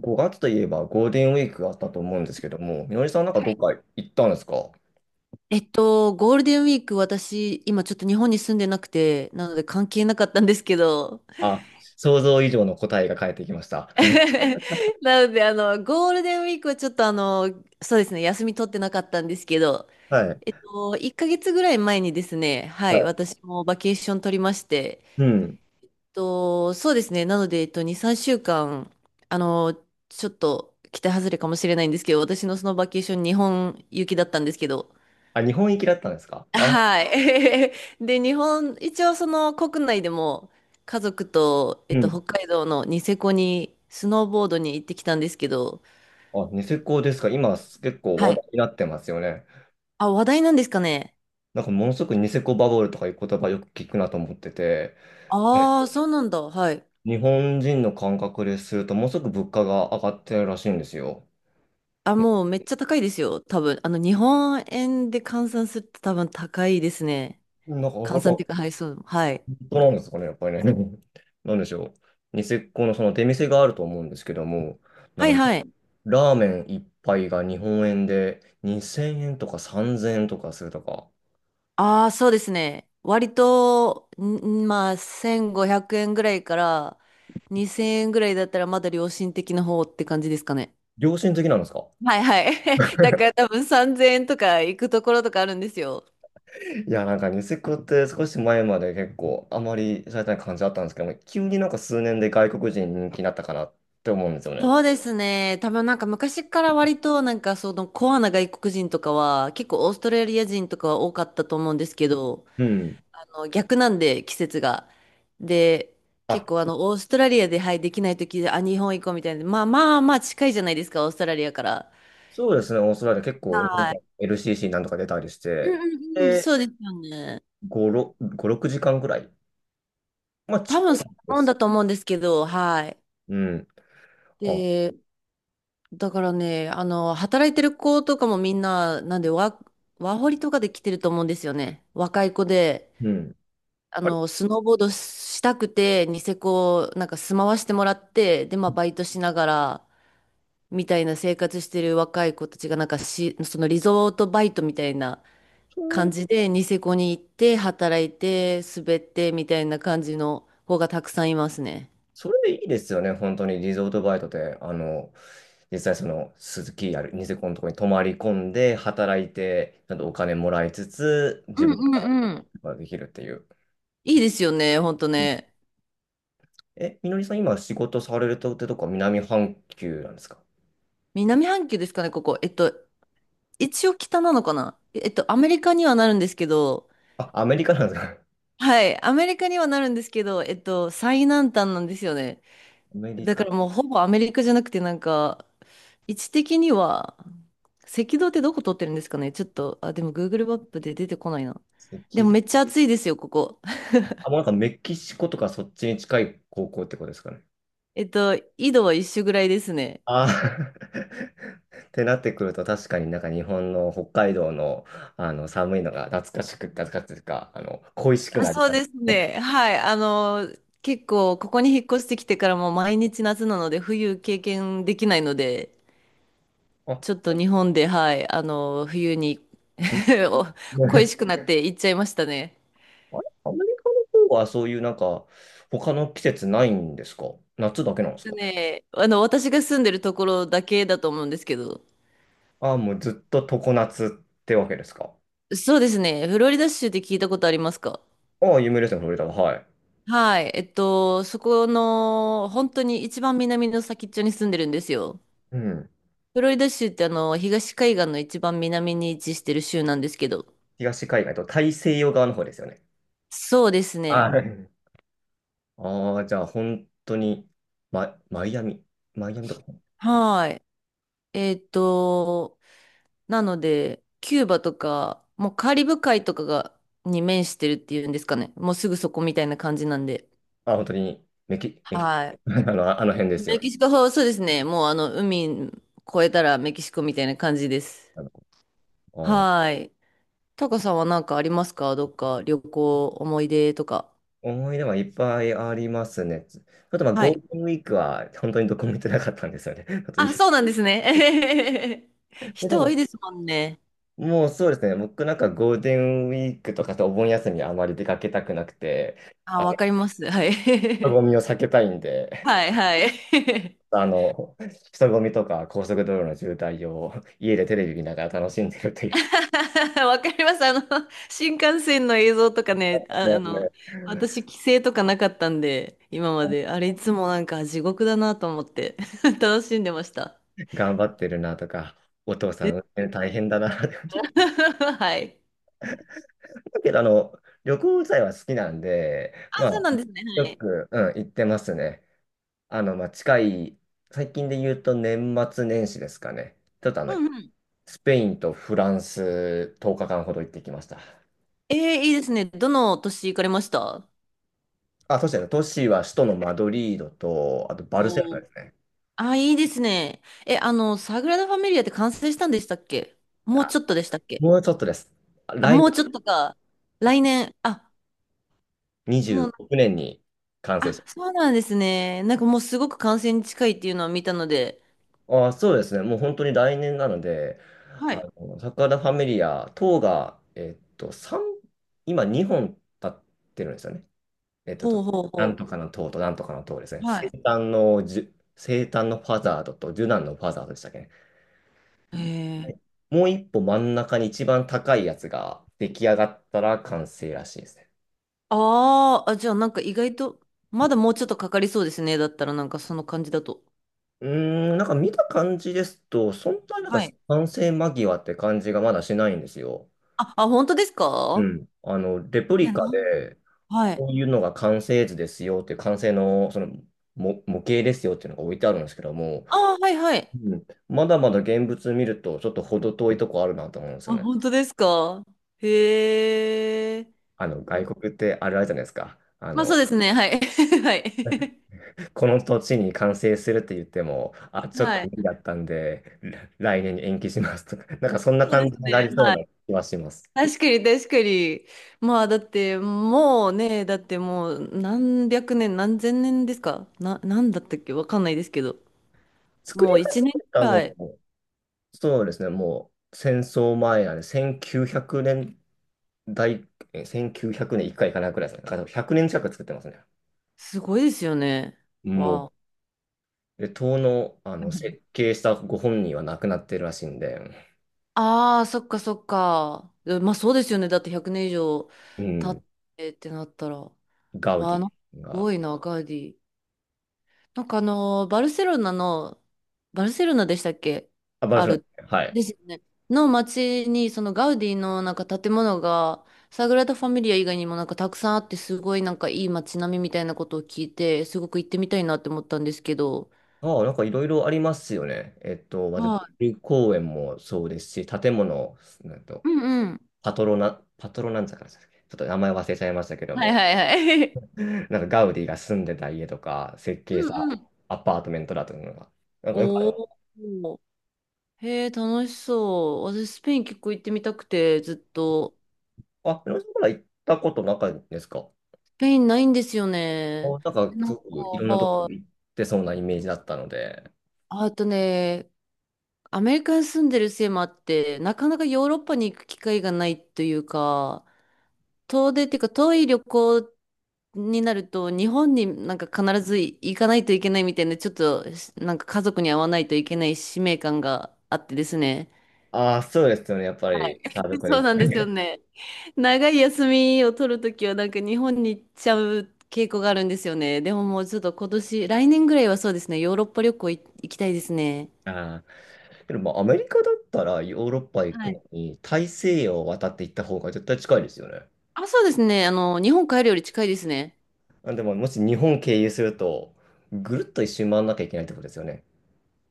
5月といえばゴールデンウィークがあったと思うんですけども、みのりさんなんかはどっい。か行ったんですかゴールデンウィーク、私、今ちょっと日本に住んでなくて、なので関係なかったんですけど、あ？想像以上の答えが返ってきました。なので、ゴールデンウィークはちょっとそうですね、休み取ってなかったんですけど、はい。1ヶ月ぐらい前にですね、ははい、い。私もバケーション取りまして、うん。そうですね、なので、2、3週間、あの、ちょっと期待外れかもしれないんですけど、私のそのバケーション、日本行きだったんですけど、あ、日本行きだったんですかあ？はい。で、日本、一応その国内でも家族と、うん。北海道のニセコにスノーボードに行ってきたんですけど、あ、ニセコですか。今結構は話い。題になってますよね。あ、話題なんですかね。なんかものすごくニセコバブルとかいう言葉よく聞くなと思ってて、はああ、い、そうなんだ。はい。日本人の感覚ですると、ものすごく物価が上がってるらしいんですよ。あ、もうめっちゃ高いですよ、多分。日本円で換算すると多分高いですね。なんかや換っ算っていぱうか、はい、そう。はい。当なんですかね、やっぱりね。なんでしょう。ニセコのその出店があると思うんですけども、なはいんかはい。ラーメン一杯が日本円で2000円とか3000円とかするとか、ああ、そうですね。割と、ん、まあ、1500円ぐらいから2000円ぐらいだったらまだ良心的な方って感じですかね。良心的なんですか？はいはい。だから多分3000円とか行くところとかあるんですよ。いや、なんかニセコって少し前まで結構あまりされてない感じだったんですけども、急になんか数年で外国人に人気になったかなって思うんですよね。そうですね。多分なんか昔から割となんかそのコアな外国人とか、は結構オーストラリア人とかは多かったと思うんですけど、うん。の逆なんで、季節が。で、あ、結構オーストラリアで、はい、できない時で、あ、日本行こうみたいな。まあまあまあ近いじゃないですか、オーストラリアから。そうですね、オーストラリア結構日本はから い。LCC なんとか出たりしうんて、うんうん、で、そうですよね。5、6、5、6時間ぐらい。まあ多近分そんいんでなもんす。だと思うんですけど、はい。うん。あ、で、だからね、働いてる子とかもみんな、なんでワ、ワーホリとかで来てると思うんですよね。若い子で、うん。あれ、スノーボードしたくて、ニセコ、なんか住まわしてもらって、で、まあ、バイトしながら、みたいな生活してる若い子たちが、なんかし、そのリゾートバイトみたいなそ感う、じで、ニセコに行って、働いて、滑って、みたいな感じの子がたくさんいますね。それでいいですよね、本当に。リゾートバイトで、あの、実際その、鈴木あるニセコのところに泊まり込んで、働いて、ちゃんとお金もらいつつ、う自分のこんうんうん。とができるっていう。いいですよね、ほんとうん。ね。え、みのりさん、今仕事されるとってとこは南半球なんですか？南半球ですかね、ここ。一応北なのかな、アメリカにはなるんですけど、あ、アメリカなんですか？はい、アメリカにはなるんですけど、最南端なんですよね。アメリだカ、か赤らもうほぼアメリカじゃなくてなんか、位置的には、赤道ってどこ通ってるんですかね、ちょっと、あ、でも Google マップで出てこないな。でもめっ道。ちゃ暑いですよ、ここ。あ、もうなんかメキシコとかそっちに近い高校ってことですかね。緯度は一緒ぐらいですね。あー ってなってくると確かになんか日本の北海道の、あの寒いのが懐かしく、懐かしいというか、あの恋しくあ、なりそうますですね。ね。はい。結構、ここに引っ越してきてからもう毎日夏なので、冬経験できないので、あ、ちょっと日本で、はい、冬に うん。 お恋 しくなって行っちゃいましたね。あれ、アメリカの方はそういうなんか他の季節ないんですか？夏だけなんですか？ね、私が住んでるところだけだと思うんですけど、ああ、もうずっと常夏ってわけですか？そうですね。フロリダ州って聞いたことありますか？ああ、有名ですね、フロリダは。はい。はい。そこの、本当に一番南の先っちょに住んでるんですよ。うん。フロリダ州って東海岸の一番南に位置してる州なんですけど。東海岸と大西洋側の方ですよね。そうですね。はい。ああ、じゃあ本当に、ママイアミ。マイアミとか。はい。えっと、なので、キューバとか、もうカリブ海とかが、に面してるっていうんですかね。もうすぐそこみたいな感じなんで。あ、本当にメキ、メキ、はい。あの辺ですメよ。キシコ、そうですね。もう海越えたらメキシコみたいな感じです。あの、うん、はい。タカさんは何かありますか？どっか旅行、思い出とか。思い出はいっぱいありますね。ちょっとまあはゴーい。ルデンウィークは本当にどこも行ってなかったんですよね。あとい あ、そうなん ですね。えへへへ、で、で人多も、いですもんね。もうそうですね。僕なんかゴールデンウィークとかとお盆休みあまり出かけたくなくて、ああ、の、わかります。は人い。混み を避けたいんで、はい、はい。あの、人混みとか高速道路の渋滞を 家でテレビ見ながら楽しんでるという、わかります。新幹線の映像とかね、あ、ねね、私、帰省とかなかったんで、今まで。あれ、いつもなんか地獄だなと思って、楽しんでました。頑張ってるなとか、お父さでん運す転よ大ね。変だなっ。 はい。だけど、旅行自体は好きなんで、あ、まあ、そうなんですね。はよい。く、うん、行ってますね。まあ、最近で言うと年末年始ですかね。ちょっとうんうん。スペインとフランス10日間ほど行ってきました。ええ、いいですね。どの年行かれました？あ、そうですね。都市は首都のマドリードと、あとバルセロおナでう、すね。あ、いいですね。え、サグラダ・ファミリアって完成したんでしたっけ？もうあ、ちょっとでしたっけ？もうちょっとです。あ、来もう年ちょっとか。来年。あ、も26う、年に完成し。あ、そうなんですね。なんかもうすごく完成に近いっていうのは見たので。ああ、そうですね。もう本当に来年なので、はい、サグラダ・ファミリア等が、今2本立ってるんですよね。えっと、ほうほうなんほとかの塔となんとかの塔ですね。う。はい。生誕のファザードとジュナンのファザードでしたっけね。う。へえ。もう一歩真ん中に一番高いやつが出来上がったら完成らしいですね。あーあ、じゃあなんか意外と、まだもうちょっとかかりそうですね。だったらなんかその感じだと。うーん、なんか見た感じですと、そんなになんかはい。完成間際って感じがまだしないんですよ。あ、あ、本当ですうか？ん。レプえ、リなカんで、はい。こういうのが完成図ですよっていう、完成のその模型ですよっていうのが置いてあるんですけども、あー、はいはい。うん、まだまだ現物見ると、ちょっと程遠いとこあるなと思うんですあ、よね。本当ですか？へえ。外国ってあれあるじゃないですか。まあそうですね。はい。はい。この土地に完成するって言っても、あ、ちょっはと無い。理だったんで、来来年に延期しますとか、なんかそんなそうで感じすになね。りそうはない。気はします。確かに、確かに。まあだって、もうね、だってもう何百年、何千年ですかな、なんだったっけわかんないですけど。作りも始う一年めくたのらい。も、そうですね、もう戦争前なんで、1900年大、1900年、1回いかないくらいですね。だから100年近く作ってますね。すごいですよね。もわう。あ。で、塔の、あの設計したご本人は亡くなってるらしいんで、ああ、そっかそっか。え、まあそうですよね。だって100年以上う経ん、ってってなったら。ガウわデあ、なんかィすが。ごいな、ガウディ。なんかあのー、バルセロナの、バルセロナでしたっけ？あ、バルあセロる。ナ。はい。ですよね。の街に、そのガウディのなんか建物が、サグラダ・ファミリア以外にもなんかたくさんあって、すごいなんかいい街並みみたいなことを聞いて、すごく行ってみたいなって思ったんですけど。ああ、なんかいろいろありますよね。まず、はル公園もそうですし、建物、なんと、い。うんうん。パトロナ、パトロなんちゃかでしたっけ、ちょっと名前忘れちゃいましたけどはいも、はいはい。なんかガウディが住んでた家とか、設 う計しんうたん。アパートメントだというのが、なんかよくあおる。ー。へえ、楽しそう。私、スペイン結構行ってみたくて、ずっと。あ、皆さんから行ったことなかったですか？スペインないんですよね。なんか、なすんごか、くいろんなとこは行っい。てそうなイメージだったので。あとね、アメリカに住んでるせいもあって、なかなかヨーロッパに行く機会がないというか、遠出っていうか遠い旅行になると、日本になんか必ず行かないといけないみたいな、ちょっとなんか家族に会わないといけない使命感があってですね。ああ、そうですよね。やっぱはい。り、家 族でそう行なんっでて。すよね。長い休みを取るときはなんか日本に行っちゃう傾向があるんですよね。でももうちょっと今年、来年ぐらいはそうですね、ヨーロッパ旅行行きたいですね。ああ。けど、まあ、アメリカだったらヨーロッパ行はくのい。に、大西洋を渡って行った方が絶対近いですよね。あ、そうですね。日本帰るより近いですね。あ、でも、もし日本経由すると、ぐるっと一周回らなきゃいけないってことですよね。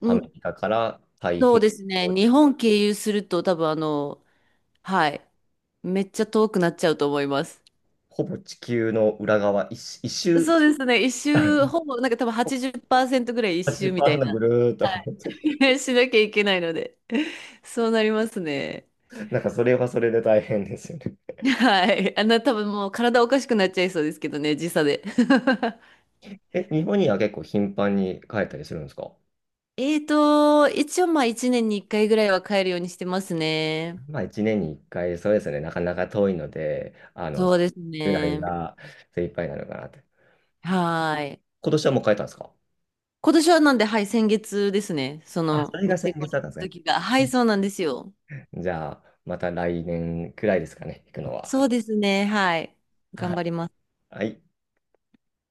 うアメん、リカから太そう平ですね。洋、日本経由すると多分はい、めっちゃ遠くなっちゃうと思います。ほぼ地球の裏側、一周そうですね。一周、ほぼ、なんか多分80%ぐらい一周みたい80%ぐな。るーっとは回ってる。い。しなきゃいけないので。そうなりますね。なんか、それはそれで大変ですよね。はい。あんな多分もう体おかしくなっちゃいそうですけどね、時差で。え、日本には結構頻繁に帰ったりするんですか？ 一応まあ1年に1回ぐらいは帰るようにしてますね。まあ1年に1回、そうですね、なかなか遠いので、そうですぐらいね。が精一杯なのかなって。はい。今年はもう帰ったんですか？今年はなんで、はい、先月ですね。そあ、その、れがニ先セコ月にだ行っったんですたね。時が。はい、そうなんですよ。じゃあ、また来年くらいですかね、行くのは。そうですね。はい。は頑張い。ります。はい